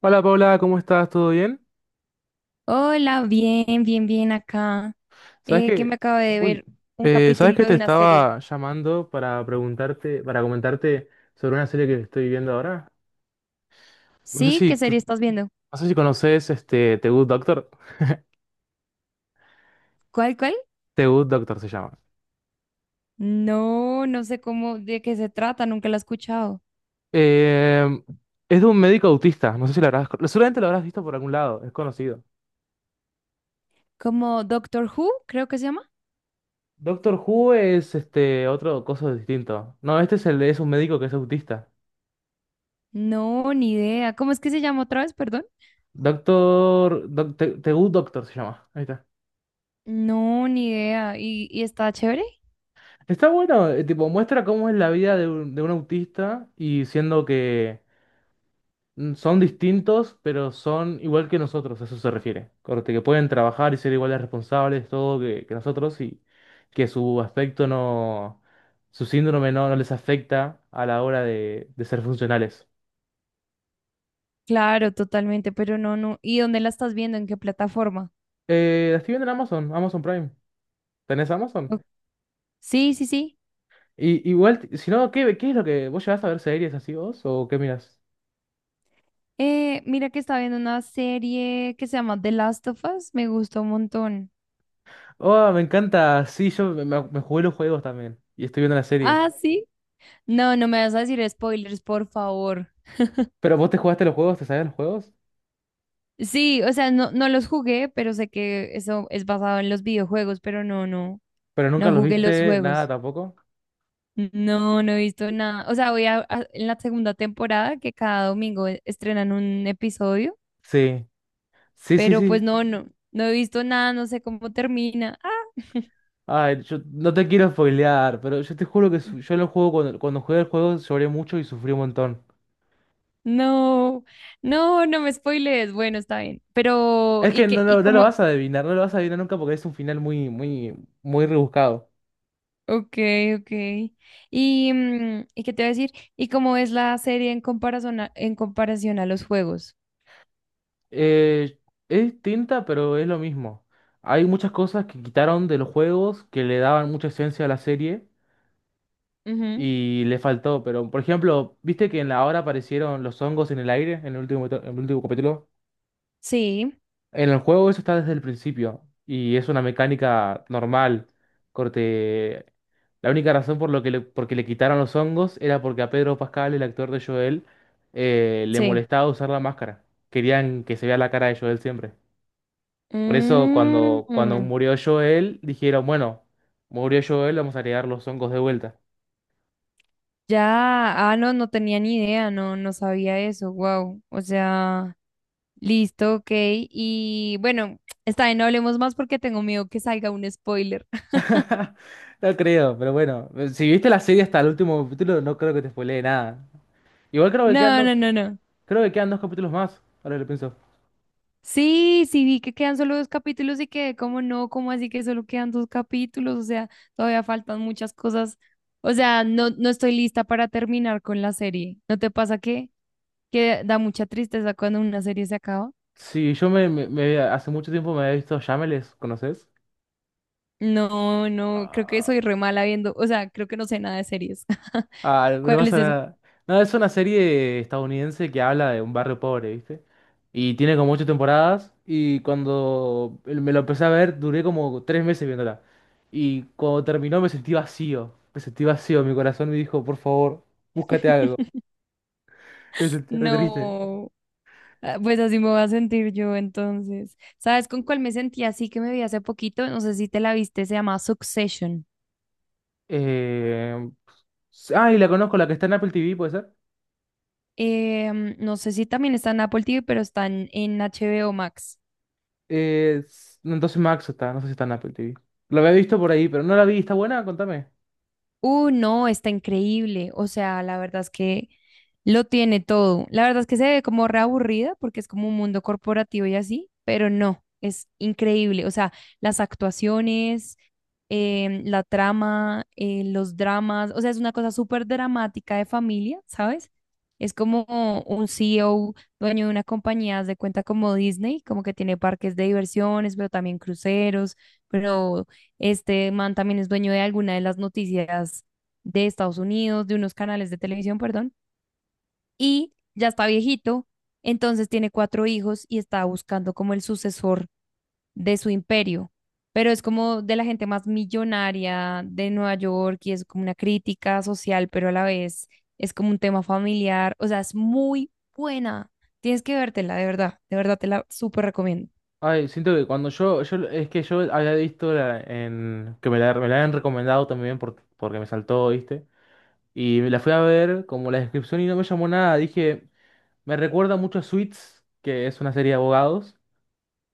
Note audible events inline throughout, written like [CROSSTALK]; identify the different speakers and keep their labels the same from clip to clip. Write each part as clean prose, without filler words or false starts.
Speaker 1: Hola Paula, ¿cómo estás? ¿Todo bien?
Speaker 2: Hola, bien, bien, bien acá.
Speaker 1: ¿Sabes
Speaker 2: Que
Speaker 1: que,
Speaker 2: me acabo de
Speaker 1: Uy,
Speaker 2: ver un
Speaker 1: ¿sabes
Speaker 2: capítulo
Speaker 1: que te
Speaker 2: de una serie.
Speaker 1: estaba llamando para preguntarte, para comentarte sobre una serie que estoy viendo ahora? No sé
Speaker 2: ¿Sí? ¿Qué
Speaker 1: si,
Speaker 2: serie estás viendo?
Speaker 1: no sé si conoces este The Good Doctor.
Speaker 2: ¿Cuál, cuál?
Speaker 1: The Good Doctor se llama.
Speaker 2: No, no sé cómo, de qué se trata, nunca la he escuchado.
Speaker 1: Eh, es de un médico autista, no sé si seguramente lo habrás visto por algún lado, es conocido.
Speaker 2: ¿Como Doctor Who, creo que se llama?
Speaker 1: Doctor Who es este otro cosa distinto. No, este es un médico que es autista.
Speaker 2: No, ni idea. ¿Cómo es que se llama otra vez, perdón?
Speaker 1: Doctor, Doc- The The Good Doctor se llama. Ahí está.
Speaker 2: No, ni idea. Y está chévere?
Speaker 1: Está bueno, tipo, muestra cómo es la vida de un autista y siendo que son distintos, pero son igual que nosotros, a eso se refiere. Corte, que pueden trabajar y ser igual de responsables, todo que nosotros y que su aspecto no, su síndrome no les afecta a la hora de ser funcionales.
Speaker 2: Claro, totalmente, pero no, no. ¿Y dónde la estás viendo? ¿En qué plataforma?
Speaker 1: La estoy viendo en Amazon, Amazon Prime. ¿Tenés Amazon?
Speaker 2: O- Sí, sí, sí.
Speaker 1: Y igual, si no, ¿qué es lo que vos llevas a ver series así vos o qué miras?
Speaker 2: Mira que estaba viendo una serie que se llama The Last of Us, me gustó un montón.
Speaker 1: Oh, me encanta. Sí, yo me jugué los juegos también. Y estoy viendo la serie.
Speaker 2: Ah, sí. No, no me vas a decir spoilers, por favor.
Speaker 1: Pero vos te jugaste los juegos, te sabías los juegos,
Speaker 2: Sí, o sea, no, no los jugué, pero sé que eso es basado en los videojuegos, pero no, no,
Speaker 1: pero nunca
Speaker 2: no
Speaker 1: los
Speaker 2: jugué los
Speaker 1: viste nada
Speaker 2: juegos.
Speaker 1: tampoco.
Speaker 2: No, no he visto nada. O sea, en la segunda temporada que cada domingo estrenan un episodio,
Speaker 1: Sí, sí, sí,
Speaker 2: pero pues
Speaker 1: sí.
Speaker 2: no, no, no he visto nada, no sé cómo termina. Ah,
Speaker 1: Ay, yo no te quiero spoilear, pero yo te juro que yo lo juego cuando jugué el juego lloré mucho y sufrí un montón.
Speaker 2: no, no, no me spoilees. Bueno, está bien. Pero,
Speaker 1: Es
Speaker 2: ¿y
Speaker 1: que no,
Speaker 2: qué, y
Speaker 1: lo no lo
Speaker 2: cómo
Speaker 1: vas a adivinar, no lo vas a adivinar nunca porque es un final muy, muy, muy rebuscado.
Speaker 2: ok, ok? Y, ¿y qué te voy a decir? ¿Y cómo es la serie en comparación a los juegos?
Speaker 1: Eh, es distinta, pero es lo mismo. Hay muchas cosas que quitaron de los juegos que le daban mucha esencia a la serie.
Speaker 2: Ujú.
Speaker 1: Y le faltó. Pero, por ejemplo, ¿viste que en la hora aparecieron los hongos en el aire en el último capítulo?
Speaker 2: Sí,
Speaker 1: En el juego eso está desde el principio y es una mecánica normal. Corte. La única razón porque le quitaron los hongos era porque a Pedro Pascal, el actor de Joel, le
Speaker 2: sí.
Speaker 1: molestaba usar la máscara. Querían que se vea la cara de Joel siempre. Por eso
Speaker 2: Mm,
Speaker 1: cuando
Speaker 2: mm.
Speaker 1: murió Joel, dijeron, bueno, murió Joel, vamos a agregar los hongos de vuelta.
Speaker 2: Ya, ah, no, no tenía ni idea, no, no sabía eso, wow. O sea, listo, ok. Y bueno, está bien, no hablemos más porque tengo miedo que salga un spoiler. [LAUGHS]
Speaker 1: No creo, pero bueno, si viste la serie hasta el último capítulo, no creo que te spoilee nada. Igual creo que quedan,
Speaker 2: No,
Speaker 1: do-
Speaker 2: no, no, no.
Speaker 1: creo que quedan dos capítulos más, ahora que lo pienso.
Speaker 2: Sí, sí, vi que quedan solo dos capítulos y que, como no? como así que solo quedan dos capítulos? O sea, todavía faltan muchas cosas. O sea, no, no estoy lista para terminar con la serie. ¿No te pasa que da mucha tristeza cuando una serie se acaba?
Speaker 1: Sí, yo me, me- me- hace mucho tiempo me había visto Shameless, ¿conoces?
Speaker 2: No, no, creo que
Speaker 1: Ah,
Speaker 2: soy re mala viendo, o sea, creo que no sé nada de series. [LAUGHS]
Speaker 1: ah, no
Speaker 2: ¿Cuál es
Speaker 1: pasa
Speaker 2: esa?
Speaker 1: nada. No, es una serie estadounidense que habla de un barrio pobre, ¿viste? Y tiene como ocho temporadas, y cuando me lo empecé a ver, duré como 3 meses viéndola. Y cuando terminó me sentí vacío, mi corazón me dijo, por favor, búscate algo. Me sentí re triste.
Speaker 2: No, ah, pues así me voy a sentir yo entonces. ¿Sabes con cuál me sentí así que me vi hace poquito? No sé si te la viste, se llama Succession.
Speaker 1: Eh, y la conozco, la que está en Apple TV, ¿puede ser?
Speaker 2: No sé si también está en Apple TV, pero está en HBO Max.
Speaker 1: No, entonces Max está, no sé si está en Apple TV. La había visto por ahí, pero no la vi, ¿está buena? Contame.
Speaker 2: No, está increíble. O sea, la verdad es que lo tiene todo. La verdad es que se ve como reaburrida porque es como un mundo corporativo y así, pero no, es increíble. O sea, las actuaciones, la trama, los dramas, o sea, es una cosa súper dramática de familia, ¿sabes? Es como un CEO, dueño de una compañía, haz de cuenta como Disney, como que tiene parques de diversiones, pero también cruceros, pero este man también es dueño de alguna de las noticias de Estados Unidos, de unos canales de televisión, perdón, y ya está viejito, entonces tiene cuatro hijos y está buscando como el sucesor de su imperio, pero es como de la gente más millonaria de Nueva York y es como una crítica social, pero a la vez es como un tema familiar, o sea, es muy buena. Tienes que vértela, de verdad te la súper recomiendo.
Speaker 1: Ay, siento que cuando yo es que yo había visto la, en, que me la habían recomendado también porque me saltó, ¿viste? Y me la fui a ver como la descripción y no me llamó nada. Dije, me recuerda mucho a Suits, que es una serie de abogados.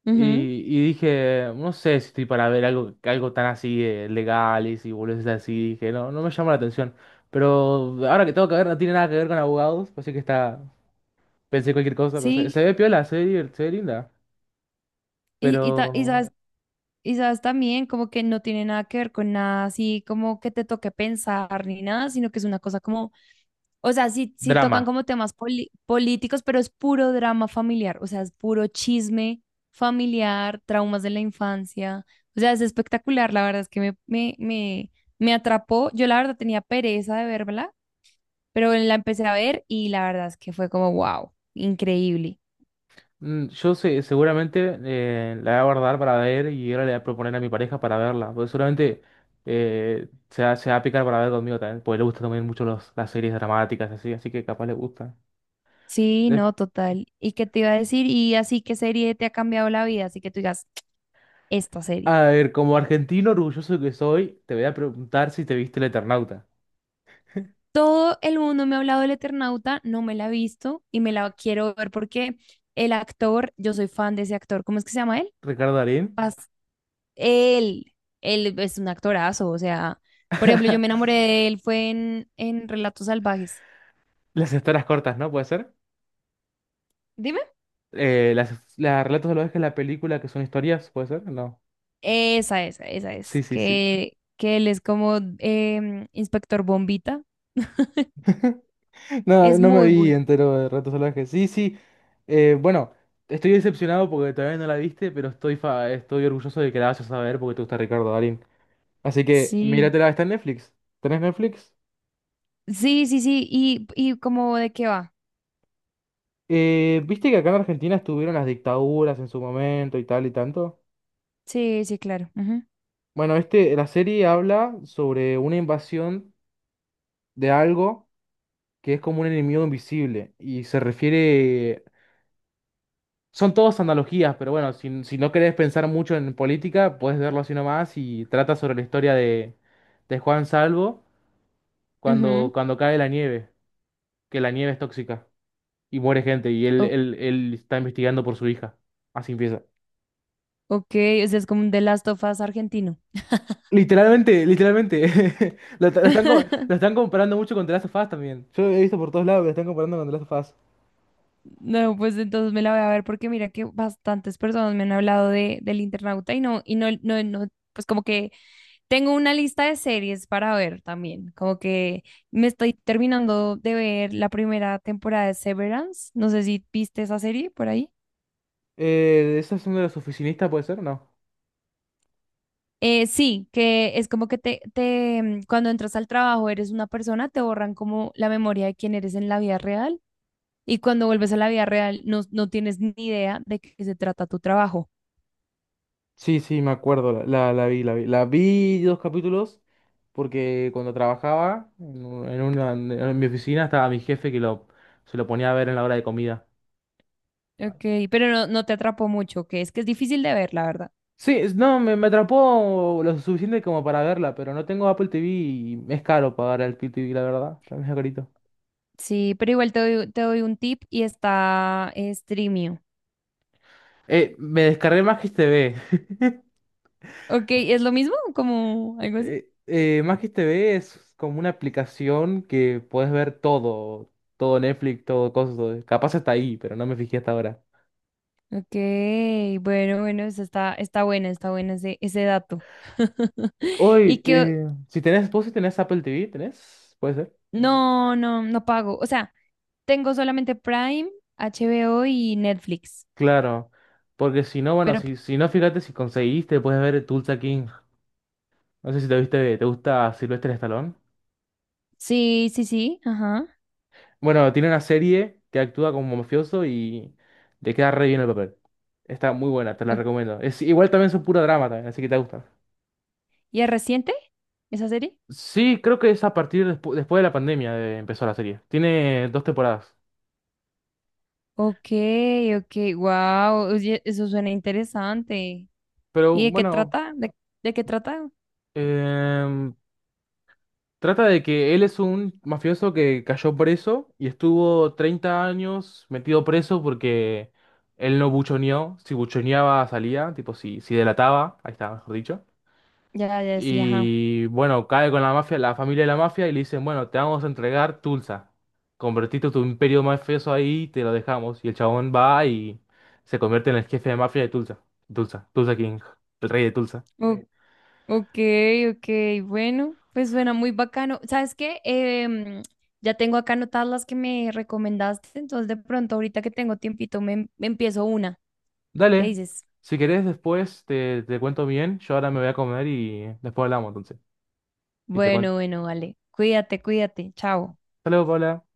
Speaker 2: Ujú,
Speaker 1: Y dije, no sé si estoy para ver algo tan así legal y si boludeces así. Dije, no, no me llama la atención. Pero ahora que tengo que ver, no tiene nada que ver con abogados. Así que está. Pensé cualquier cosa, pero se,
Speaker 2: sí,
Speaker 1: se ve piola, se ve linda.
Speaker 2: y
Speaker 1: Pero.
Speaker 2: sabes y sabes también como que no tiene nada que ver con nada así como que te toque pensar ni nada, sino que es una cosa como, o sea, sí, sí tocan
Speaker 1: Drama.
Speaker 2: como temas políticos, pero es puro drama familiar, o sea, es puro chisme familiar, traumas de la infancia, o sea, es espectacular, la verdad es que me atrapó, yo la verdad tenía pereza de verla, pero la empecé a ver y la verdad es que fue como, wow, increíble.
Speaker 1: Yo sé, seguramente la voy a guardar para ver y ahora le voy a proponer a mi pareja para verla. Porque seguramente se va a picar para ver conmigo también. Porque le gustan también mucho las series dramáticas así, así que capaz le gusta.
Speaker 2: Sí, no, total. ¿Y qué te iba a decir? Y así, ¿qué serie te ha cambiado la vida? Así que tú digas. Esta serie.
Speaker 1: A ver, como argentino orgulloso que soy, te voy a preguntar si te viste el Eternauta.
Speaker 2: Todo el mundo me ha hablado del Eternauta, no me la he visto y me la quiero ver porque el actor, yo soy fan de ese actor, ¿cómo es que se llama él?
Speaker 1: Ricardo Darín.
Speaker 2: Pas él, él es un actorazo, o sea, por ejemplo, yo me
Speaker 1: [LAUGHS]
Speaker 2: enamoré de él, fue en Relatos Salvajes.
Speaker 1: Las historias cortas, ¿no? ¿Puede ser?
Speaker 2: Dime.
Speaker 1: Eh, las, las relatos de los que la película que son historias, ¿puede ser? No.
Speaker 2: Esa
Speaker 1: Sí,
Speaker 2: es,
Speaker 1: sí, sí. [LAUGHS]
Speaker 2: que él es como Inspector Bombita.
Speaker 1: No,
Speaker 2: Es
Speaker 1: no me
Speaker 2: muy
Speaker 1: vi
Speaker 2: bueno.
Speaker 1: entero de relatos salvajes. Sí, sí. Bueno, estoy decepcionado porque todavía no la viste, pero estoy orgulloso de que la vayas a ver porque te gusta Ricardo Darín. Así que
Speaker 2: Sí,
Speaker 1: míratela, está en Netflix. ¿Tenés Netflix?
Speaker 2: sí, sí, sí, y como de qué va.
Speaker 1: ¿Viste que acá en Argentina estuvieron las dictaduras en su momento y tal y tanto?
Speaker 2: Sí, sí, claro.
Speaker 1: Bueno, este, la serie habla sobre una invasión de algo que es como un enemigo invisible y se refiere. Son todas analogías, pero bueno, si no querés pensar mucho en política, puedes verlo así nomás y trata sobre la historia de Juan Salvo cuando,
Speaker 2: Ujú,
Speaker 1: cuando cae la nieve, que la nieve es tóxica y muere gente y él,
Speaker 2: ujú.
Speaker 1: él, él está investigando por su hija. Así empieza.
Speaker 2: Ok, o sea, es como un The Last of Us argentino.
Speaker 1: Literalmente, literalmente. [LAUGHS] Lo, lo están, co- lo
Speaker 2: [LAUGHS]
Speaker 1: están comparando mucho con The Last of Us también. Yo he visto por todos lados que lo están comparando con The Last of Us.
Speaker 2: No, pues entonces me la voy a ver porque mira que bastantes personas me han hablado de, del Internauta y no, no, no, pues como que tengo una lista de series para ver también, como que me estoy terminando de ver la primera temporada de Severance, no sé si viste esa serie por ahí.
Speaker 1: ¿Esa es una de las oficinistas, puede ser? No.
Speaker 2: Sí, que es como que cuando entras al trabajo eres una persona, te borran como la memoria de quién eres en la vida real y cuando vuelves a la vida real, no, no tienes ni idea de qué se trata tu trabajo.
Speaker 1: Sí, sí, me acuerdo, la vi. La vi dos capítulos porque cuando trabajaba en, un- en una, en mi oficina estaba mi jefe que se lo ponía a ver en la hora de comida.
Speaker 2: Ok, pero no, no te atrapó mucho, que es difícil de ver, la verdad.
Speaker 1: Sí, no, me atrapó lo suficiente como para verla, pero no tengo Apple TV y es caro pagar el Apple TV, la verdad. También es carito.
Speaker 2: Sí, pero igual te doy un tip y está Streamio.
Speaker 1: Me descargué Magis TV.
Speaker 2: Ok, ¿es lo mismo? ¿Como algo así?
Speaker 1: Magis TV es como una aplicación que puedes ver todo, todo Netflix, todo cosas, capaz está ahí, pero no me fijé hasta ahora.
Speaker 2: Ok, bueno, bueno, eso está, está buena ese, ese dato. [LAUGHS] Y
Speaker 1: Hoy,
Speaker 2: que
Speaker 1: vos si tenés Apple TV, ¿tenés? ¿Puede ser?
Speaker 2: no, no, no pago. O sea, tengo solamente Prime, HBO y Netflix.
Speaker 1: Claro, porque si no, bueno,
Speaker 2: Pero
Speaker 1: si no, fíjate si conseguiste, puedes ver Tulsa King. No sé si te viste, ¿te gusta Sylvester Stallone?
Speaker 2: sí, sí, sí, ajá.
Speaker 1: Bueno, tiene una serie que actúa como mafioso y le queda re bien el papel. Está muy buena, te la
Speaker 2: Ok.
Speaker 1: recomiendo. Igual también es un puro drama también, así que te gusta.
Speaker 2: ¿Y es reciente? Esa serie.
Speaker 1: Sí, creo que es a partir después de la pandemia empezó la serie. Tiene dos temporadas.
Speaker 2: Ok, ok, wow, oye, eso suena interesante.
Speaker 1: Pero
Speaker 2: ¿Y de qué
Speaker 1: bueno,
Speaker 2: trata? De qué trata?
Speaker 1: em, trata de que él es un mafioso que cayó preso y estuvo 30 años metido preso porque él no buchoneó. Si buchoneaba, salía. Tipo, si delataba, ahí está, mejor dicho.
Speaker 2: Ya, ya, sí, ajá.
Speaker 1: Y bueno, cae con la mafia, la familia de la mafia, y le dicen, bueno, te vamos a entregar Tulsa. Convertiste tu imperio mafioso ahí y te lo dejamos. Y el chabón va y se convierte en el jefe de mafia de Tulsa. Tulsa, Tulsa King, el rey de Tulsa.
Speaker 2: O- ok, ok, bueno, pues suena muy bacano. ¿Sabes qué? Em, ya tengo acá anotadas las que me recomendaste, entonces de pronto ahorita que tengo tiempito me empiezo una. ¿Qué
Speaker 1: Dale,
Speaker 2: dices?
Speaker 1: si querés después te cuento bien, yo ahora me voy a comer y después hablamos entonces. Y te cuento.
Speaker 2: Bueno, bueno, vale. Cuídate, cuídate. Chao.
Speaker 1: Hasta luego, Paula.